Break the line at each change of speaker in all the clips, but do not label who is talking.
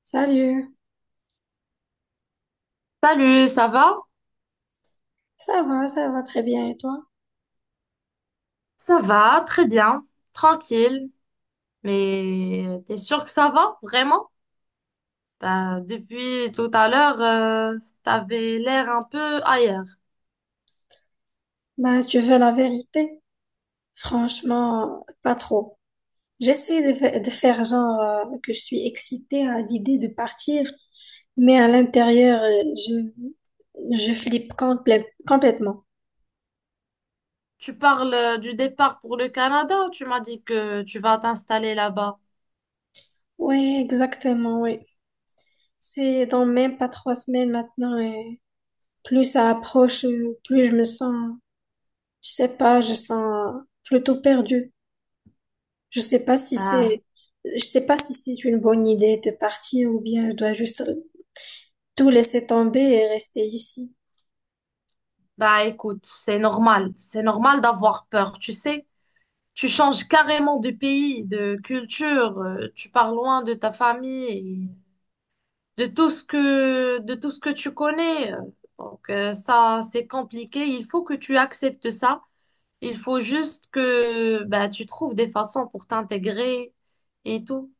Salut,
Salut, ça va?
ça va très bien et toi?
Ça va, très bien, tranquille. Mais t'es sûr que ça va, vraiment? Bah, depuis tout à l'heure, t'avais l'air un peu ailleurs.
Bah, tu veux la vérité? Franchement, pas trop. J'essaie de faire genre que je suis excitée à l'idée de partir, mais à l'intérieur, je flippe complètement.
Tu parles du départ pour le Canada ou tu m'as dit que tu vas t'installer là-bas?
Oui, exactement, oui. C'est dans même pas trois semaines maintenant et plus ça approche, plus je me sens, je sais pas, je sens plutôt perdue. Je sais pas si
Bah,
c'est, je sais pas si c'est une bonne idée de partir ou bien je dois juste tout laisser tomber et rester ici.
bah écoute, c'est normal. C'est normal d'avoir peur, tu sais. Tu changes carrément de pays, de culture, tu pars loin de ta famille, de tout ce que tu connais. Donc, ça, c'est compliqué. Il faut que tu acceptes ça. Il faut juste que bah, tu trouves des façons pour t'intégrer et tout.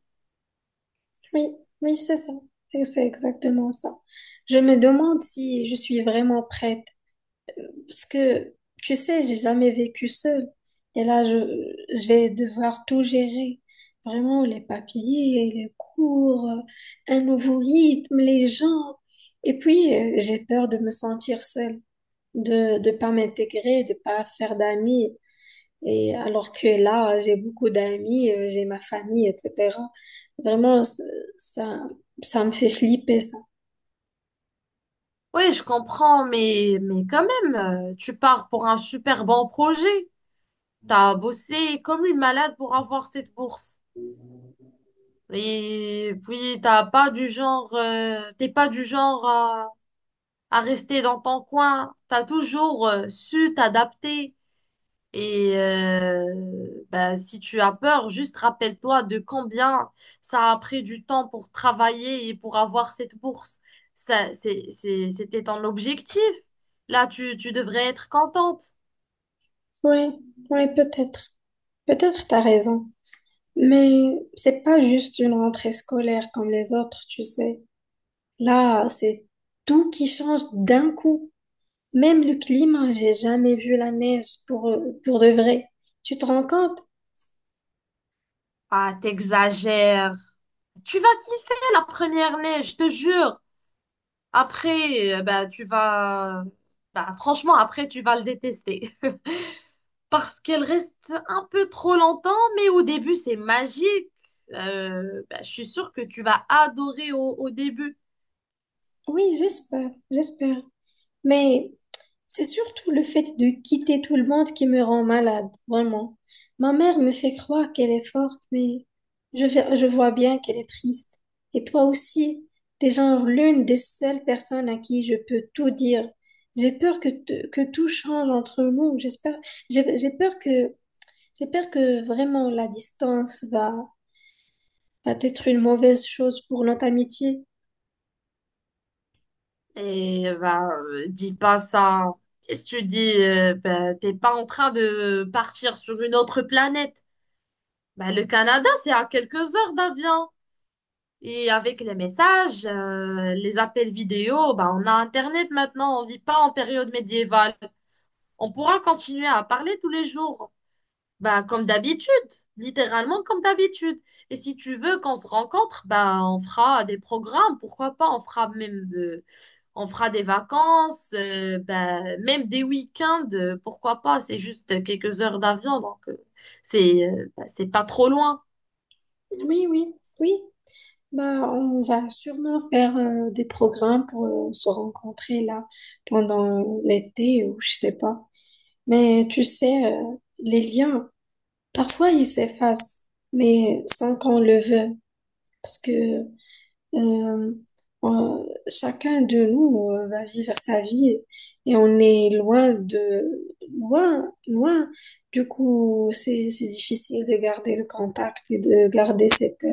Oui, oui, c'est ça. Et c'est exactement ça. Je me demande si je suis vraiment prête parce que, tu sais, j'ai jamais vécu seule. Et là, je vais devoir tout gérer. Vraiment, les papiers, les cours, un nouveau rythme, les gens. Et puis, j'ai peur de me sentir seule, de pas m'intégrer, de pas faire d'amis. Et alors que là, j'ai beaucoup d'amis, j'ai ma famille, etc. Vraiment, c- ça, ça me fait flipper, ça.
Oui, je comprends, mais quand même, tu pars pour un super bon projet. T'as bossé comme une malade pour avoir cette bourse. Et puis, t'as pas du genre, t'es pas du genre à, rester dans ton coin. T'as toujours su t'adapter. Et ben, si tu as peur, juste rappelle-toi de combien ça a pris du temps pour travailler et pour avoir cette bourse. C'était ton objectif. Là, tu devrais être contente.
Oui, oui, peut-être. Peut-être t'as raison. Mais c'est pas juste une rentrée scolaire comme les autres, tu sais. Là, c'est tout qui change d'un coup. Même le climat, j'ai jamais vu la neige pour de vrai, Tu te rends compte?
Ah, t'exagères. Tu vas kiffer la première neige, je te jure. Après, ben, franchement, après, tu vas le détester, parce qu'elle reste un peu trop longtemps, mais au début, c'est magique. Bah, je suis sûre que tu vas adorer au début.
Oui, j'espère, j'espère. Mais c'est surtout le fait de quitter tout le monde qui me rend malade, vraiment. Ma mère me fait croire qu'elle est forte, mais je vois bien qu'elle est triste. Et toi aussi, t'es genre l'une des seules personnes à qui je peux tout dire. J'ai peur que, te- que tout change entre nous. J'ai peur que, j'ai peur que vraiment la distance va, va être une mauvaise chose pour notre amitié.
Et bah, dis pas ça. Qu'est-ce que tu dis? Bah, t'es pas en train de partir sur une autre planète. Bah, le Canada, c'est à quelques heures d'avion. Et avec les messages, les appels vidéo, bah, on a Internet maintenant, on vit pas en période médiévale. On pourra continuer à parler tous les jours. Bah, comme d'habitude, littéralement comme d'habitude. Et si tu veux qu'on se rencontre, bah, on fera des programmes, pourquoi pas, on fera même, on fera des vacances, bah, même des week-ends, pourquoi pas, c'est juste quelques heures d'avion, donc c'est bah, c'est pas trop loin.
Oui, oui, oui. Bah, on va sûrement faire des programmes pour se rencontrer là pendant l'été ou je sais pas. Mais tu sais, les liens, parfois ils s'effacent, mais sans qu'on le veuille, parce que euh, chacun de nous va vivre sa vie et on est loin de loin, loin. Du coup, c'est difficile de garder le contact et de garder cette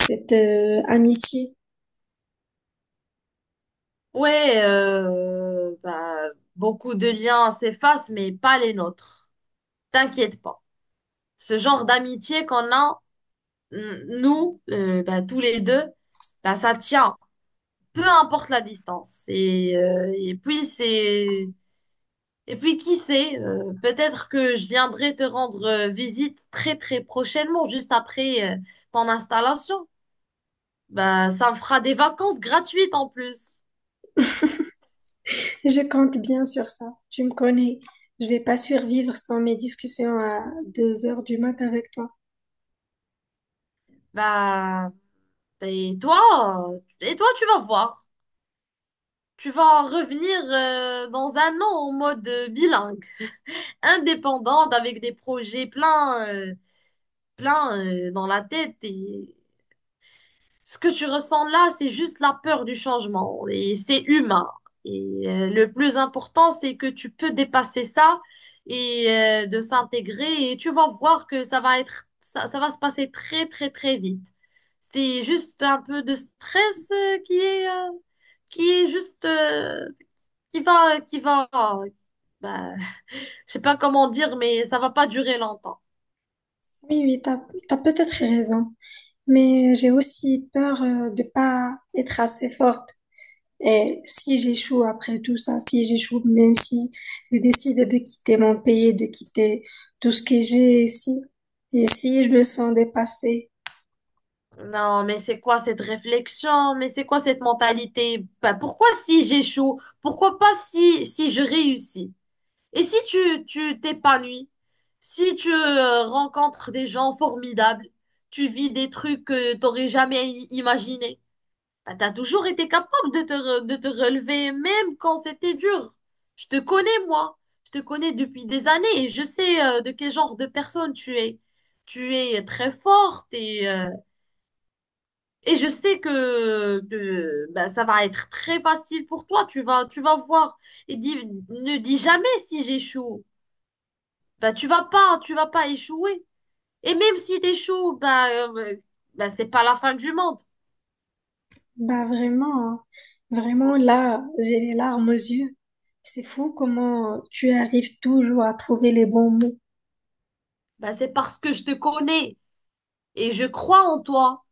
cette euh, amitié.
Ouais, bah, beaucoup de liens s'effacent, mais pas les nôtres. T'inquiète pas. Ce genre d'amitié qu'on a, nous, bah, tous les deux, bah, ça tient, peu importe la distance. Et puis c'est et puis qui sait, peut-être que je viendrai te rendre visite très très prochainement, juste après ton installation. Bah, ça me fera des vacances gratuites en plus.
Je compte bien sur ça. Tu me connais. Je vais pas survivre sans mes discussions à 2 heures du mat avec toi.
Bah bah, et toi, et toi, tu vas voir. Tu vas revenir dans 1 an en mode bilingue, indépendante, avec des projets plein, dans la tête. Et ce que tu ressens là, c'est juste la peur du changement et c'est humain. Et le plus important, c'est que tu peux dépasser ça et de s'intégrer, et tu vas voir que ça va se passer très, très, très vite. C'est juste un peu de stress qui est juste, qui va, qui va, bah, je sais pas comment dire, mais ça va pas durer longtemps.
Oui, t'as peut-être raison. Mais j'ai aussi peur de pas être assez forte. Et si j'échoue après tout ça, si j'échoue, même si je décide de quitter mon pays, de quitter tout ce que j'ai ici, et si je me sens dépassée.
Non, mais c'est quoi cette réflexion? Mais c'est quoi cette mentalité? Bah, pourquoi si j'échoue? Pourquoi pas si, je réussis? Et si tu t'épanouis? Si tu rencontres des gens formidables, tu vis des trucs que t'aurais jamais imaginé. Bah, t'as toujours été capable de te relever, même quand c'était dur. Je te connais, moi. Je te connais depuis des années et je sais de quel genre de personne tu es. Tu es très forte et je sais que, ben, ça va être très facile pour toi. Tu vas voir. Et ne dis jamais si j'échoue. Ben, tu vas pas échouer. Et même si t'échoues, ben, c'est pas la fin du monde.
Bah vraiment, hein, vraiment là, j'ai les larmes aux yeux. C'est fou comment tu arrives toujours à trouver les bons mots.
Ben, c'est parce que je te connais et je crois en toi.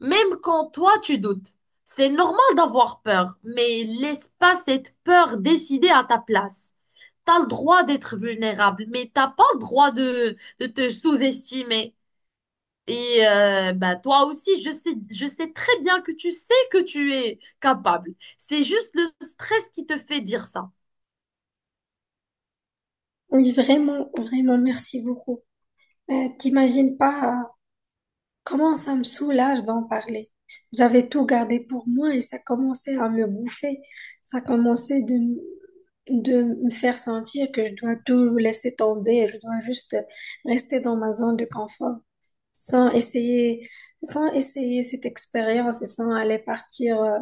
Même quand toi, tu doutes. C'est normal d'avoir peur, mais laisse pas cette peur décider à ta place. T'as le droit d'être vulnérable, mais t'as pas le droit de, te sous-estimer. Et bah toi aussi, je sais très bien que tu sais que tu es capable. C'est juste le stress qui te fait dire ça.
Oui, vraiment, vraiment, merci beaucoup. T'imagines pas comment ça me soulage d'en parler. J'avais tout gardé pour moi et ça commençait à me bouffer. Ça commençait de, m- De me faire sentir que je dois tout laisser tomber, je dois juste rester dans ma zone de confort. sans essayer, Sans essayer cette expérience et sans aller partir, euh,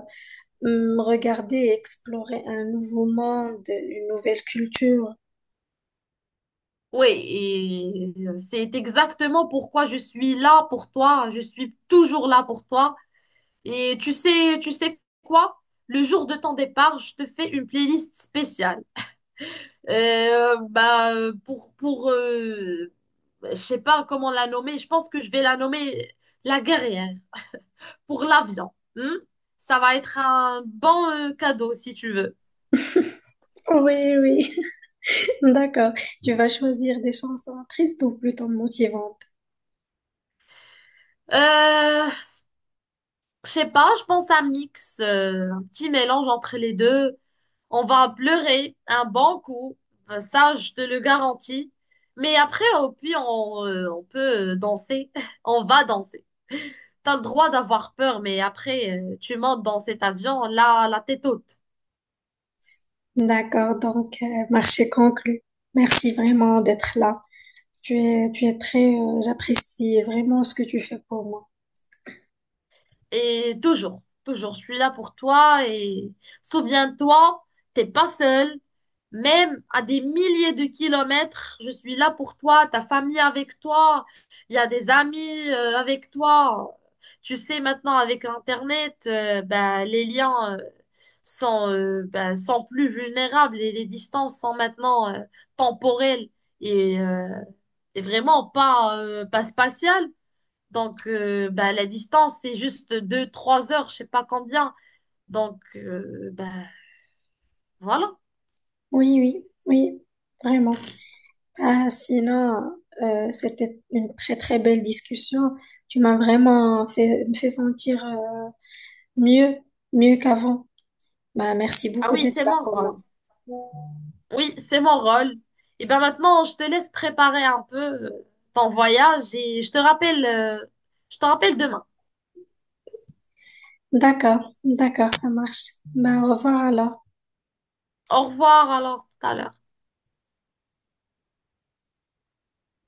hum, regarder et explorer un nouveau monde, une nouvelle culture.
Oui, et c'est exactement pourquoi je suis là pour toi. Je suis toujours là pour toi. Et tu sais quoi? Le jour de ton départ, je te fais une playlist spéciale. Bah, pour je sais pas comment la nommer. Je pense que je vais la nommer la guerrière, pour l'avion. Ça va être un bon cadeau si tu veux.
Oui, oui, d'accord. Tu vas choisir des chansons tristes ou plutôt motivantes.
Euh, je sais pas, je pense un mix, un petit mélange entre les deux. On va pleurer un bon coup, ça je te le garantis. Mais après, au pire, on peut danser. On va danser. T'as le droit d'avoir peur, mais après, tu montes dans cet avion, là, la tête haute.
D'accord, donc marché conclu. Merci vraiment d'être là. Tu es très, j'apprécie vraiment ce que tu fais pour moi.
Et toujours, toujours, je suis là pour toi, et souviens-toi, t'es pas seul. Même à des milliers de kilomètres, je suis là pour toi, ta famille avec toi, il y a des amis avec toi. Tu sais, maintenant avec Internet, ben, les liens sont plus vulnérables, et les distances sont maintenant temporelles et, euh, et vraiment pas, pas spatiales. Donc, bah, la distance, c'est juste deux trois heures, je sais pas combien. Donc, bah, voilà.
Oui, oui, oui, vraiment. Ah, sinon, c'était une très très belle discussion. Tu m'as vraiment fait, me fait sentir mieux, mieux qu'avant. Bah, merci
Ah
beaucoup
oui,
d'être
c'est
là
mon
pour
rôle.
moi.
Oui, c'est mon rôle. Et ben maintenant, je te laisse préparer un peu ton voyage, et je te rappelle demain.
D'accord, d'accord, ça marche. Bah, au revoir alors.
Au revoir alors, tout à l'heure.